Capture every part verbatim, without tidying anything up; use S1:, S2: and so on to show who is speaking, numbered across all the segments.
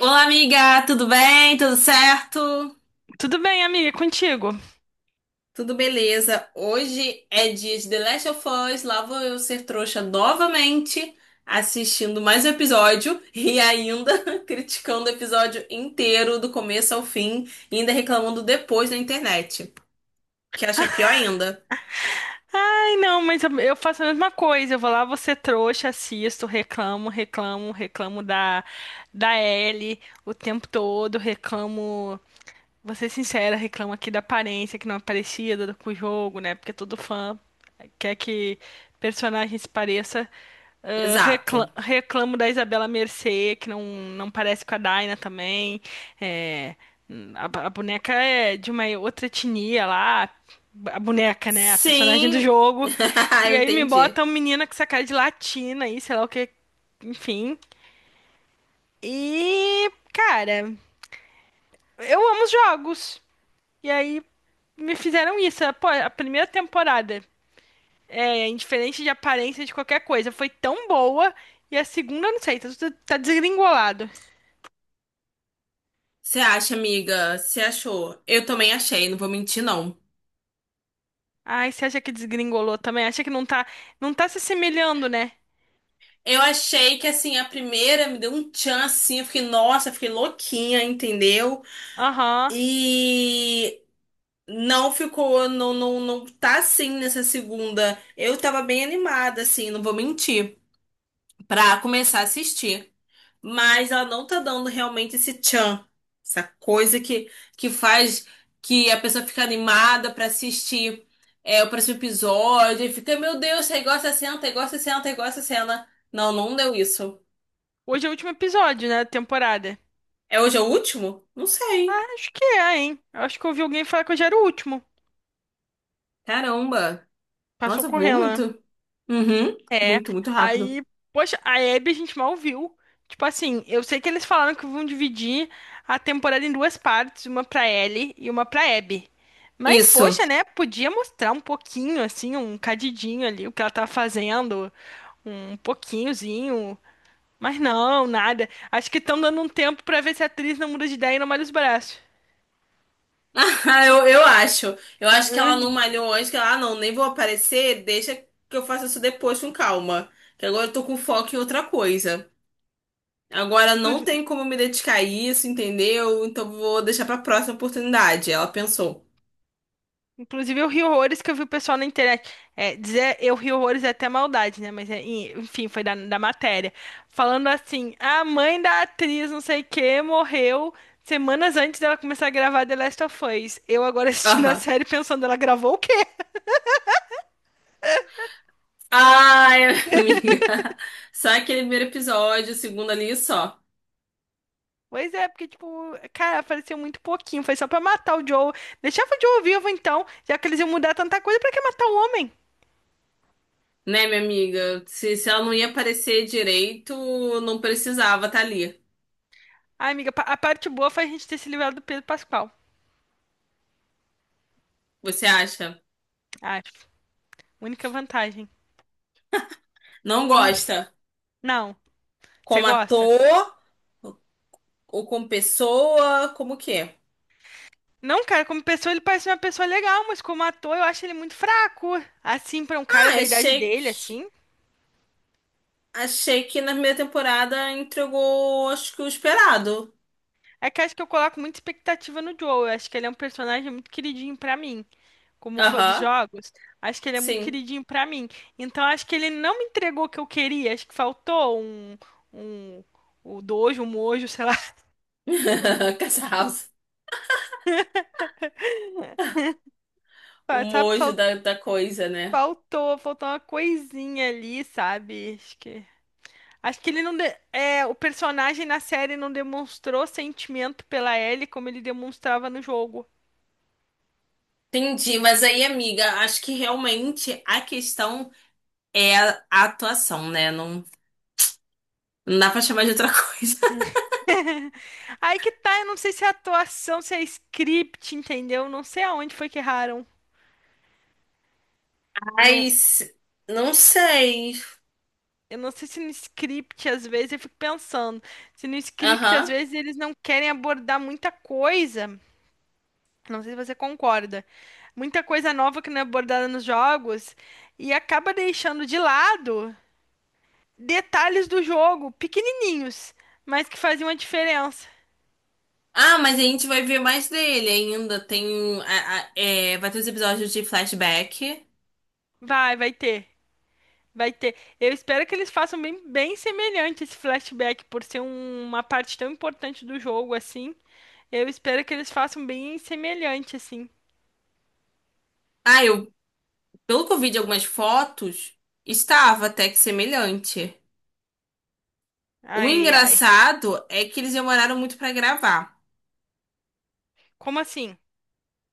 S1: Olá, amiga, tudo bem? Tudo certo?
S2: Tudo bem, amiga, é contigo.
S1: Tudo beleza? Hoje é dia de The Last of Us. Lá vou eu ser trouxa novamente, assistindo mais um episódio e ainda criticando o episódio inteiro, do começo ao fim, e ainda reclamando depois na internet, que acho que é pior ainda.
S2: Ai, não, mas eu eu faço a mesma coisa. Eu vou lá, você trouxa, assisto, reclamo, reclamo, reclamo da da Ellie o tempo todo, reclamo. Vou ser sincera, reclama aqui da aparência que não é parecida do- com o jogo, né? Porque todo fã quer que personagem se pareça. Ah, recla-
S1: Exato.
S2: reclamo da Isabela Mercê, que não, não parece com a Daina também. É, a, ba- a boneca é de uma outra etnia lá. A boneca, né? A personagem do
S1: Sim,
S2: jogo. E
S1: eu
S2: aí me
S1: entendi.
S2: bota uma menina com essa cara de latina aí, sei lá o que. Enfim. E, cara, eu amo os jogos. E aí me fizeram isso. Pô, a primeira temporada, é, indiferente de aparência de qualquer coisa, foi tão boa. E a segunda, eu não sei, tá, tudo- tá desgringolado.
S1: Você acha, amiga? Você achou? Eu também achei, não vou mentir, não.
S2: Ai, você acha que desgringolou também? Acha que não tá, não tá se assemelhando, né?
S1: Eu achei que assim, a primeira me deu um tchan assim, eu fiquei, nossa, eu fiquei louquinha, entendeu?
S2: Aham.
S1: E não ficou, não, não, não tá assim nessa segunda. Eu tava bem animada, assim, não vou mentir, pra começar a assistir. Mas ela não tá dando realmente esse tchan, essa coisa que, que faz que a pessoa fica animada pra assistir é, o próximo episódio, e fica, meu Deus, aí gosta, senta, aí gosta, senta, aí gosta, cena. Não, não deu isso.
S2: Hoje é o último episódio, né, da temporada.
S1: É, hoje é o último? Não sei.
S2: Acho que é, hein? Eu Acho que eu ouvi alguém falar que hoje era o último.
S1: Caramba.
S2: Passou
S1: Nossa, voou
S2: correndo, né?
S1: muito. Uhum.
S2: É,
S1: Muito, muito rápido.
S2: aí, poxa, a Abby a gente mal viu. Tipo assim, eu sei que eles falaram que vão dividir a temporada em duas partes, uma pra Ellie e uma pra Abby. Mas,
S1: Isso.
S2: poxa, né? Podia mostrar um pouquinho, assim, um cadidinho ali, o que ela tá fazendo, um pouquinhozinho. Mas não, nada. Acho que estão dando um tempo pra ver se a atriz não muda de ideia e não malha os braços.
S1: Ah, eu, eu acho. Eu acho que ela não
S2: Hum.
S1: malhou antes, que ela, ah, não, nem vou aparecer, deixa que eu faça isso depois com calma. Que agora eu tô com foco em outra coisa. Agora não tem como me dedicar a isso, entendeu? Então vou deixar pra próxima oportunidade. Ela pensou.
S2: Inclusive, eu ri horrores que eu vi o pessoal na internet. É, dizer eu ri horrores é até maldade, né? Mas, é, e- enfim, foi da, da matéria. Falando assim: a mãe da atriz, não sei o quê, morreu semanas antes dela começar a gravar The Last of Us. Eu agora assistindo a
S1: Aham.
S2: série pensando, ela gravou o quê?
S1: Ai, amiga. Só aquele primeiro episódio, o segundo ali só.
S2: Pois é, porque, tipo, cara, apareceu muito pouquinho. Foi só pra matar o Joe. Deixava o Joe vivo, então, já que eles iam mudar tanta coisa, pra que matar o homem?
S1: Né, minha amiga? Se, se ela não ia aparecer direito, não precisava estar ali.
S2: Ai, amiga, pa- a parte boa foi a gente ter se livrado do Pedro Pascal.
S1: Você acha?
S2: Acho. Única vantagem.
S1: Não
S2: Hum,
S1: gosta?
S2: Não. Você
S1: Como
S2: gosta?
S1: ator ou como pessoa? Como que é?
S2: Não, cara, como pessoa ele parece uma pessoa legal, mas como ator eu acho ele muito fraco. Assim, pra um cara
S1: Ah,
S2: da idade
S1: achei
S2: dele,
S1: que,
S2: assim.
S1: achei que na primeira temporada entregou, acho que o esperado.
S2: É que acho que eu coloco muita expectativa no Joel. Eu acho que ele é um personagem muito queridinho pra mim, como fã dos
S1: Aham,
S2: jogos. Acho que ele é muito
S1: sim.
S2: queridinho pra mim. Então acho que ele não me entregou o que eu queria. Acho que faltou um, um, o dojo, um mojo, sei lá.
S1: Casa House. O
S2: Sabe,
S1: mojo
S2: Fal-
S1: da, da coisa, né?
S2: faltou, faltou uma coisinha ali, sabe? Acho que Acho que ele não. de- É, o personagem na série não demonstrou sentimento pela Ellie como ele demonstrava no jogo.
S1: Entendi, mas aí, amiga, acho que realmente a questão é a a atuação, né? Não, não dá pra chamar de outra coisa.
S2: Aí que tá, eu não sei se é atuação, se é script, entendeu? Não sei aonde foi que erraram. Não,
S1: Mas não sei.
S2: eu não sei se no script, às vezes, eu fico pensando. Se no script, às
S1: Aham.
S2: vezes, eles não querem abordar muita coisa. Não sei se você concorda. Muita coisa nova que não é abordada nos jogos. E acaba deixando de lado, detalhes do jogo, pequenininhos, mas que faziam a diferença.
S1: Ah, mas a gente vai ver mais dele ainda. Tem. a- a- é, vai ter os episódios de flashback.
S2: Vai, vai ter, vai ter. Eu espero que eles façam bem, bem semelhante esse flashback, por ser um- uma parte tão importante do jogo assim. Eu espero que eles façam bem semelhante assim.
S1: Ah, eu, pelo que eu vi de algumas fotos, estava até que semelhante. O
S2: Ai, ai.
S1: engraçado é que eles demoraram muito pra gravar.
S2: Como assim?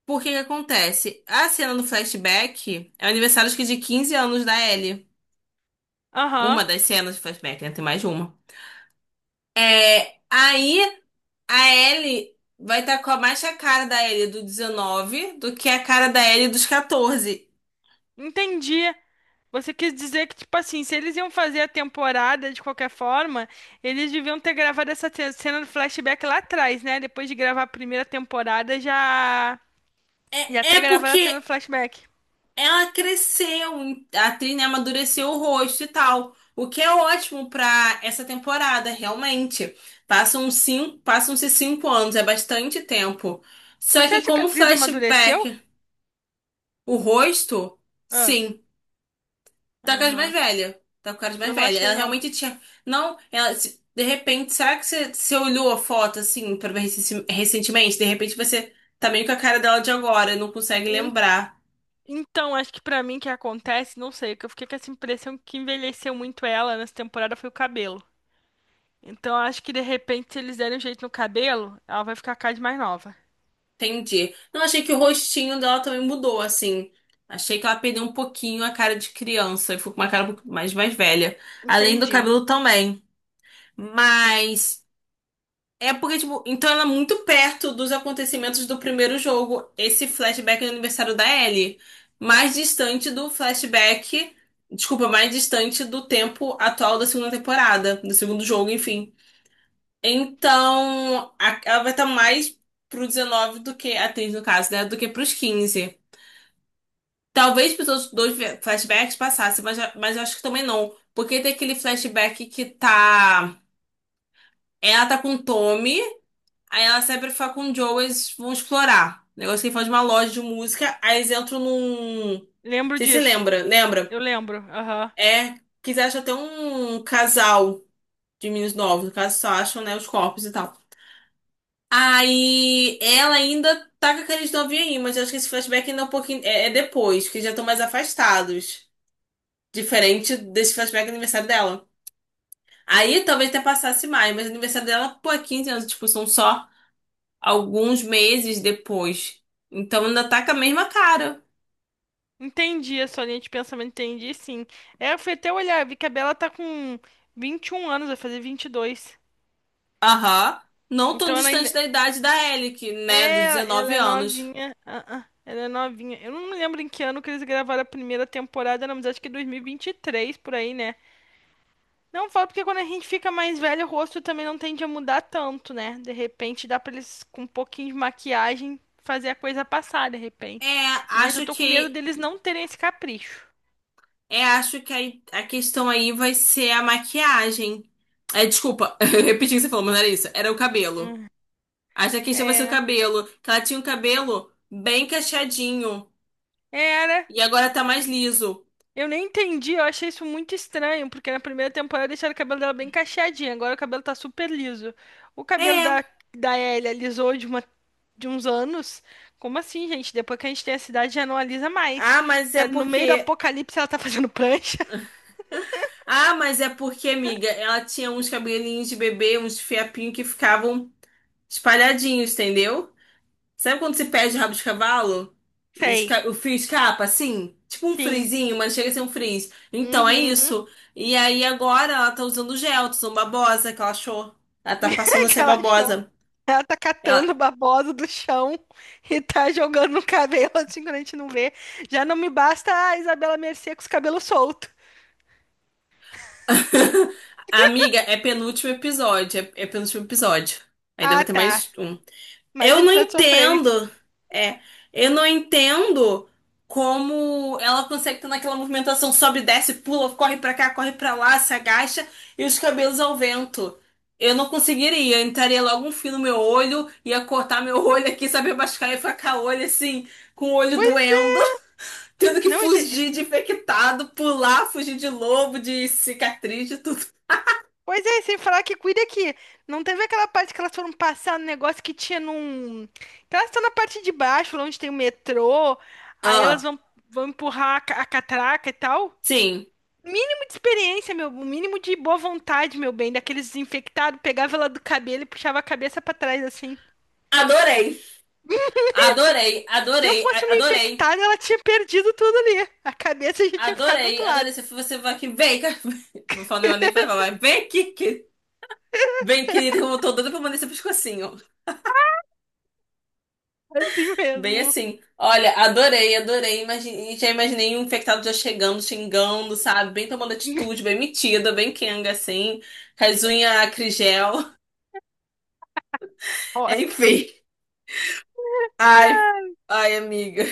S1: Por que que acontece? A cena do flashback é o aniversário acho que de quinze anos da Ellie.
S2: Aham,
S1: Uma das cenas de flashback, né? Tem mais de uma. É, aí a Ellie vai estar com a mais a cara da Ellie do dezenove do que a cara da Ellie dos catorze.
S2: entendi. Você quis dizer que, tipo assim, se eles iam fazer a temporada de qualquer forma, eles deviam ter gravado essa ce- cena do flashback lá atrás, né? Depois de gravar a primeira temporada, já.
S1: É,
S2: E
S1: é
S2: até gravaram a
S1: porque
S2: cena do flashback.
S1: ela cresceu, a atriz, né, amadureceu o rosto e tal. O que é ótimo pra essa temporada, realmente. Passam cinco, passam-se cinco anos, é bastante tempo. Só
S2: Você
S1: que
S2: acha que a
S1: como
S2: atriz amadureceu?
S1: flashback, o rosto,
S2: Ah,
S1: sim. Tá com as mais
S2: aham.
S1: velha Tá com a caras
S2: Eu
S1: mais
S2: não
S1: velha.
S2: achei,
S1: Ela
S2: não.
S1: realmente tinha. Não, ela. Se- de repente, será que você, você olhou a foto assim pra ver recen- recentemente? De repente você tá meio com a cara dela de agora, não consegue
S2: En-
S1: lembrar.
S2: Então, acho que pra mim que acontece, não sei, que eu fiquei com essa impressão que envelheceu muito ela nessa temporada foi o cabelo. Então, acho que de repente, se eles derem um jeito no cabelo, ela vai ficar cada vez mais nova.
S1: Entendi. Não, achei que o rostinho dela também mudou, assim. Achei que ela perdeu um pouquinho a cara de criança e ficou com uma cara um pouco mais, mais velha. Além do
S2: Entendi.
S1: cabelo também. Mas. É porque, tipo, então ela é muito perto dos acontecimentos do primeiro jogo, esse flashback do aniversário da Ellie. Mais distante do flashback. Desculpa, mais distante do tempo atual da segunda temporada, do segundo jogo, enfim. Então, a- ela vai estar mais pro dezenove do que, a atriz no caso, né? Do que pros quinze. Talvez pros outros dois ve- flashbacks passassem, mas, mas eu acho que também não. Porque tem aquele flashback que tá. Ela tá com o Tommy. Aí ela sempre fala com o Joe, eles vão explorar. O negócio que ele fala de uma loja de música, aí eles entram num.
S2: Lembro
S1: Você se
S2: disso.
S1: lembra? Lembra?
S2: Eu lembro. Aham.
S1: É, quiser achar até um casal de meninos novos, no caso só acham, né, os corpos e tal. Aí ela ainda tá com aqueles novinhos aí, mas eu acho que esse flashback ainda é um pouquinho. É, é depois, que já estão mais afastados. Diferente desse flashback do aniversário dela. Aí talvez até passasse mais, mas o aniversário dela, pô, é quinze anos de expulsão só. Alguns meses depois. Então ainda tá com a mesma cara.
S2: Entendi a sua linha de pensamento, entendi sim. É, eu fui até olhar, vi que a Bela tá com vinte e um anos, vai fazer vinte e dois.
S1: Aham. Não tão
S2: Então ela
S1: distante
S2: ainda.
S1: da idade da Ellie, que, né, dos
S2: É, ela
S1: dezenove
S2: é
S1: anos.
S2: novinha. Ah, ah, ela é novinha. Eu não lembro em que ano que eles gravaram a primeira temporada, não, mas acho que dois mil e vinte e três por aí, né? Não falo porque quando a gente fica mais velho, o rosto também não tende a mudar tanto, né? De repente dá pra eles com um pouquinho de maquiagem fazer a coisa passar, de repente.
S1: É,
S2: Mas eu
S1: acho
S2: tô com medo
S1: que
S2: deles não terem esse capricho.
S1: é, acho que a, a questão aí vai ser a maquiagem. É, desculpa, eu repeti o que você falou, mas não era isso. Era o cabelo. Acho que a questão vai ser o
S2: É,
S1: cabelo. Que ela tinha um cabelo bem cacheadinho.
S2: é, era.
S1: E agora tá mais liso.
S2: Eu nem entendi, eu achei isso muito estranho, porque na primeira temporada deixaram o cabelo dela bem cacheadinho, agora o cabelo tá super liso. O cabelo da,
S1: É.
S2: da Ellie alisou de, uma, de uns anos. Como assim, gente? Depois que a gente tem a cidade já não alisa mais.
S1: Ah, mas é
S2: Tá no meio do
S1: porque
S2: apocalipse ela tá fazendo prancha.
S1: Ah, mas é porque, amiga, ela tinha uns cabelinhos de bebê, uns fiapinhos que ficavam espalhadinhos, entendeu? Sabe quando você perde o rabo de cavalo? E
S2: Sei.
S1: esca- o fio escapa, assim? Tipo um
S2: Sim.
S1: frizinho, mas chega a ser um frizz. Então, é
S2: Uhum.
S1: isso. E aí, agora, ela tá usando gel, tá usando babosa, que ela achou. Ela tá passando
S2: É
S1: a
S2: que
S1: ser
S2: ela achou.
S1: babosa.
S2: Ela tá catando
S1: Ela...
S2: babosa do chão e tá jogando no cabelo assim quando a gente não vê. Já não me basta a Isabela Mercê com os cabelos soltos.
S1: Amiga, é penúltimo episódio. É, é penúltimo episódio. Ainda vai
S2: Ah,
S1: ter
S2: tá.
S1: mais um.
S2: Mais um
S1: Eu não
S2: episódio de sofrência.
S1: entendo. É, eu não entendo como ela consegue ter naquela movimentação sobe, desce, pula, corre pra cá, corre pra lá, se agacha e os cabelos ao vento. Eu não conseguiria, eu entraria logo um fio no meu olho, ia cortar meu olho aqui, saber machucar e ficar o olho assim, com o olho
S2: Pois é,
S1: doendo, tendo que
S2: não, e sem-
S1: fugir de infectado, pular, fugir de lobo, de cicatriz, de tudo.
S2: pois é, sem falar que cuida que não teve aquela parte que elas foram passar no negócio que tinha num. Que elas estão na parte de baixo, lá onde tem o metrô, aí elas
S1: Ah,
S2: vão, vão empurrar a, ca- a catraca e tal.
S1: sim.
S2: Mínimo de experiência, meu, o mínimo de boa vontade, meu bem, daqueles desinfectados, pegava ela do cabelo e puxava a cabeça pra trás assim.
S1: Adorei. Adorei,
S2: Se eu
S1: adorei,
S2: fosse
S1: a-
S2: uma
S1: adorei.
S2: infectada, ela tinha perdido tudo ali. A cabeça já tinha ficado do
S1: Adorei,
S2: outro lado.
S1: adorei. Se você vai aqui, vem cá. Não falo nem, nem pra falar, mas vem aqui, que... Vem, querido, eu tô doida pra mandar esse pescocinho.
S2: Assim
S1: Bem
S2: mesmo.
S1: assim. Olha, adorei, adorei. Imagine... Já imaginei um infectado já chegando, xingando, sabe? Bem tomando atitude, bem metida, bem quenga, assim. Com as unhas acrigel.
S2: Ó,
S1: Enfim. Ai, ai, amiga.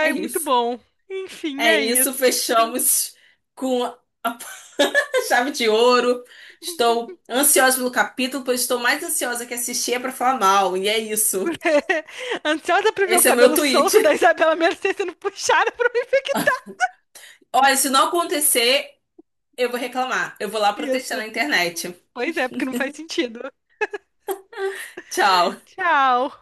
S1: É
S2: muito
S1: isso.
S2: bom. Enfim,
S1: É
S2: é
S1: isso,
S2: isso.
S1: fechamos com a chave de ouro. Estou ansiosa pelo capítulo, pois estou mais ansiosa que assistir é pra falar mal. E é isso.
S2: Ansiosa pra ver o
S1: Esse é o meu
S2: cabelo
S1: tweet.
S2: solto da Isabela Mercê sendo puxada pra me infectar.
S1: Olha, se não acontecer, eu vou reclamar. Eu vou lá protestar
S2: Isso.
S1: na internet.
S2: Pois é, porque não faz sentido.
S1: Tchau.
S2: Tchau.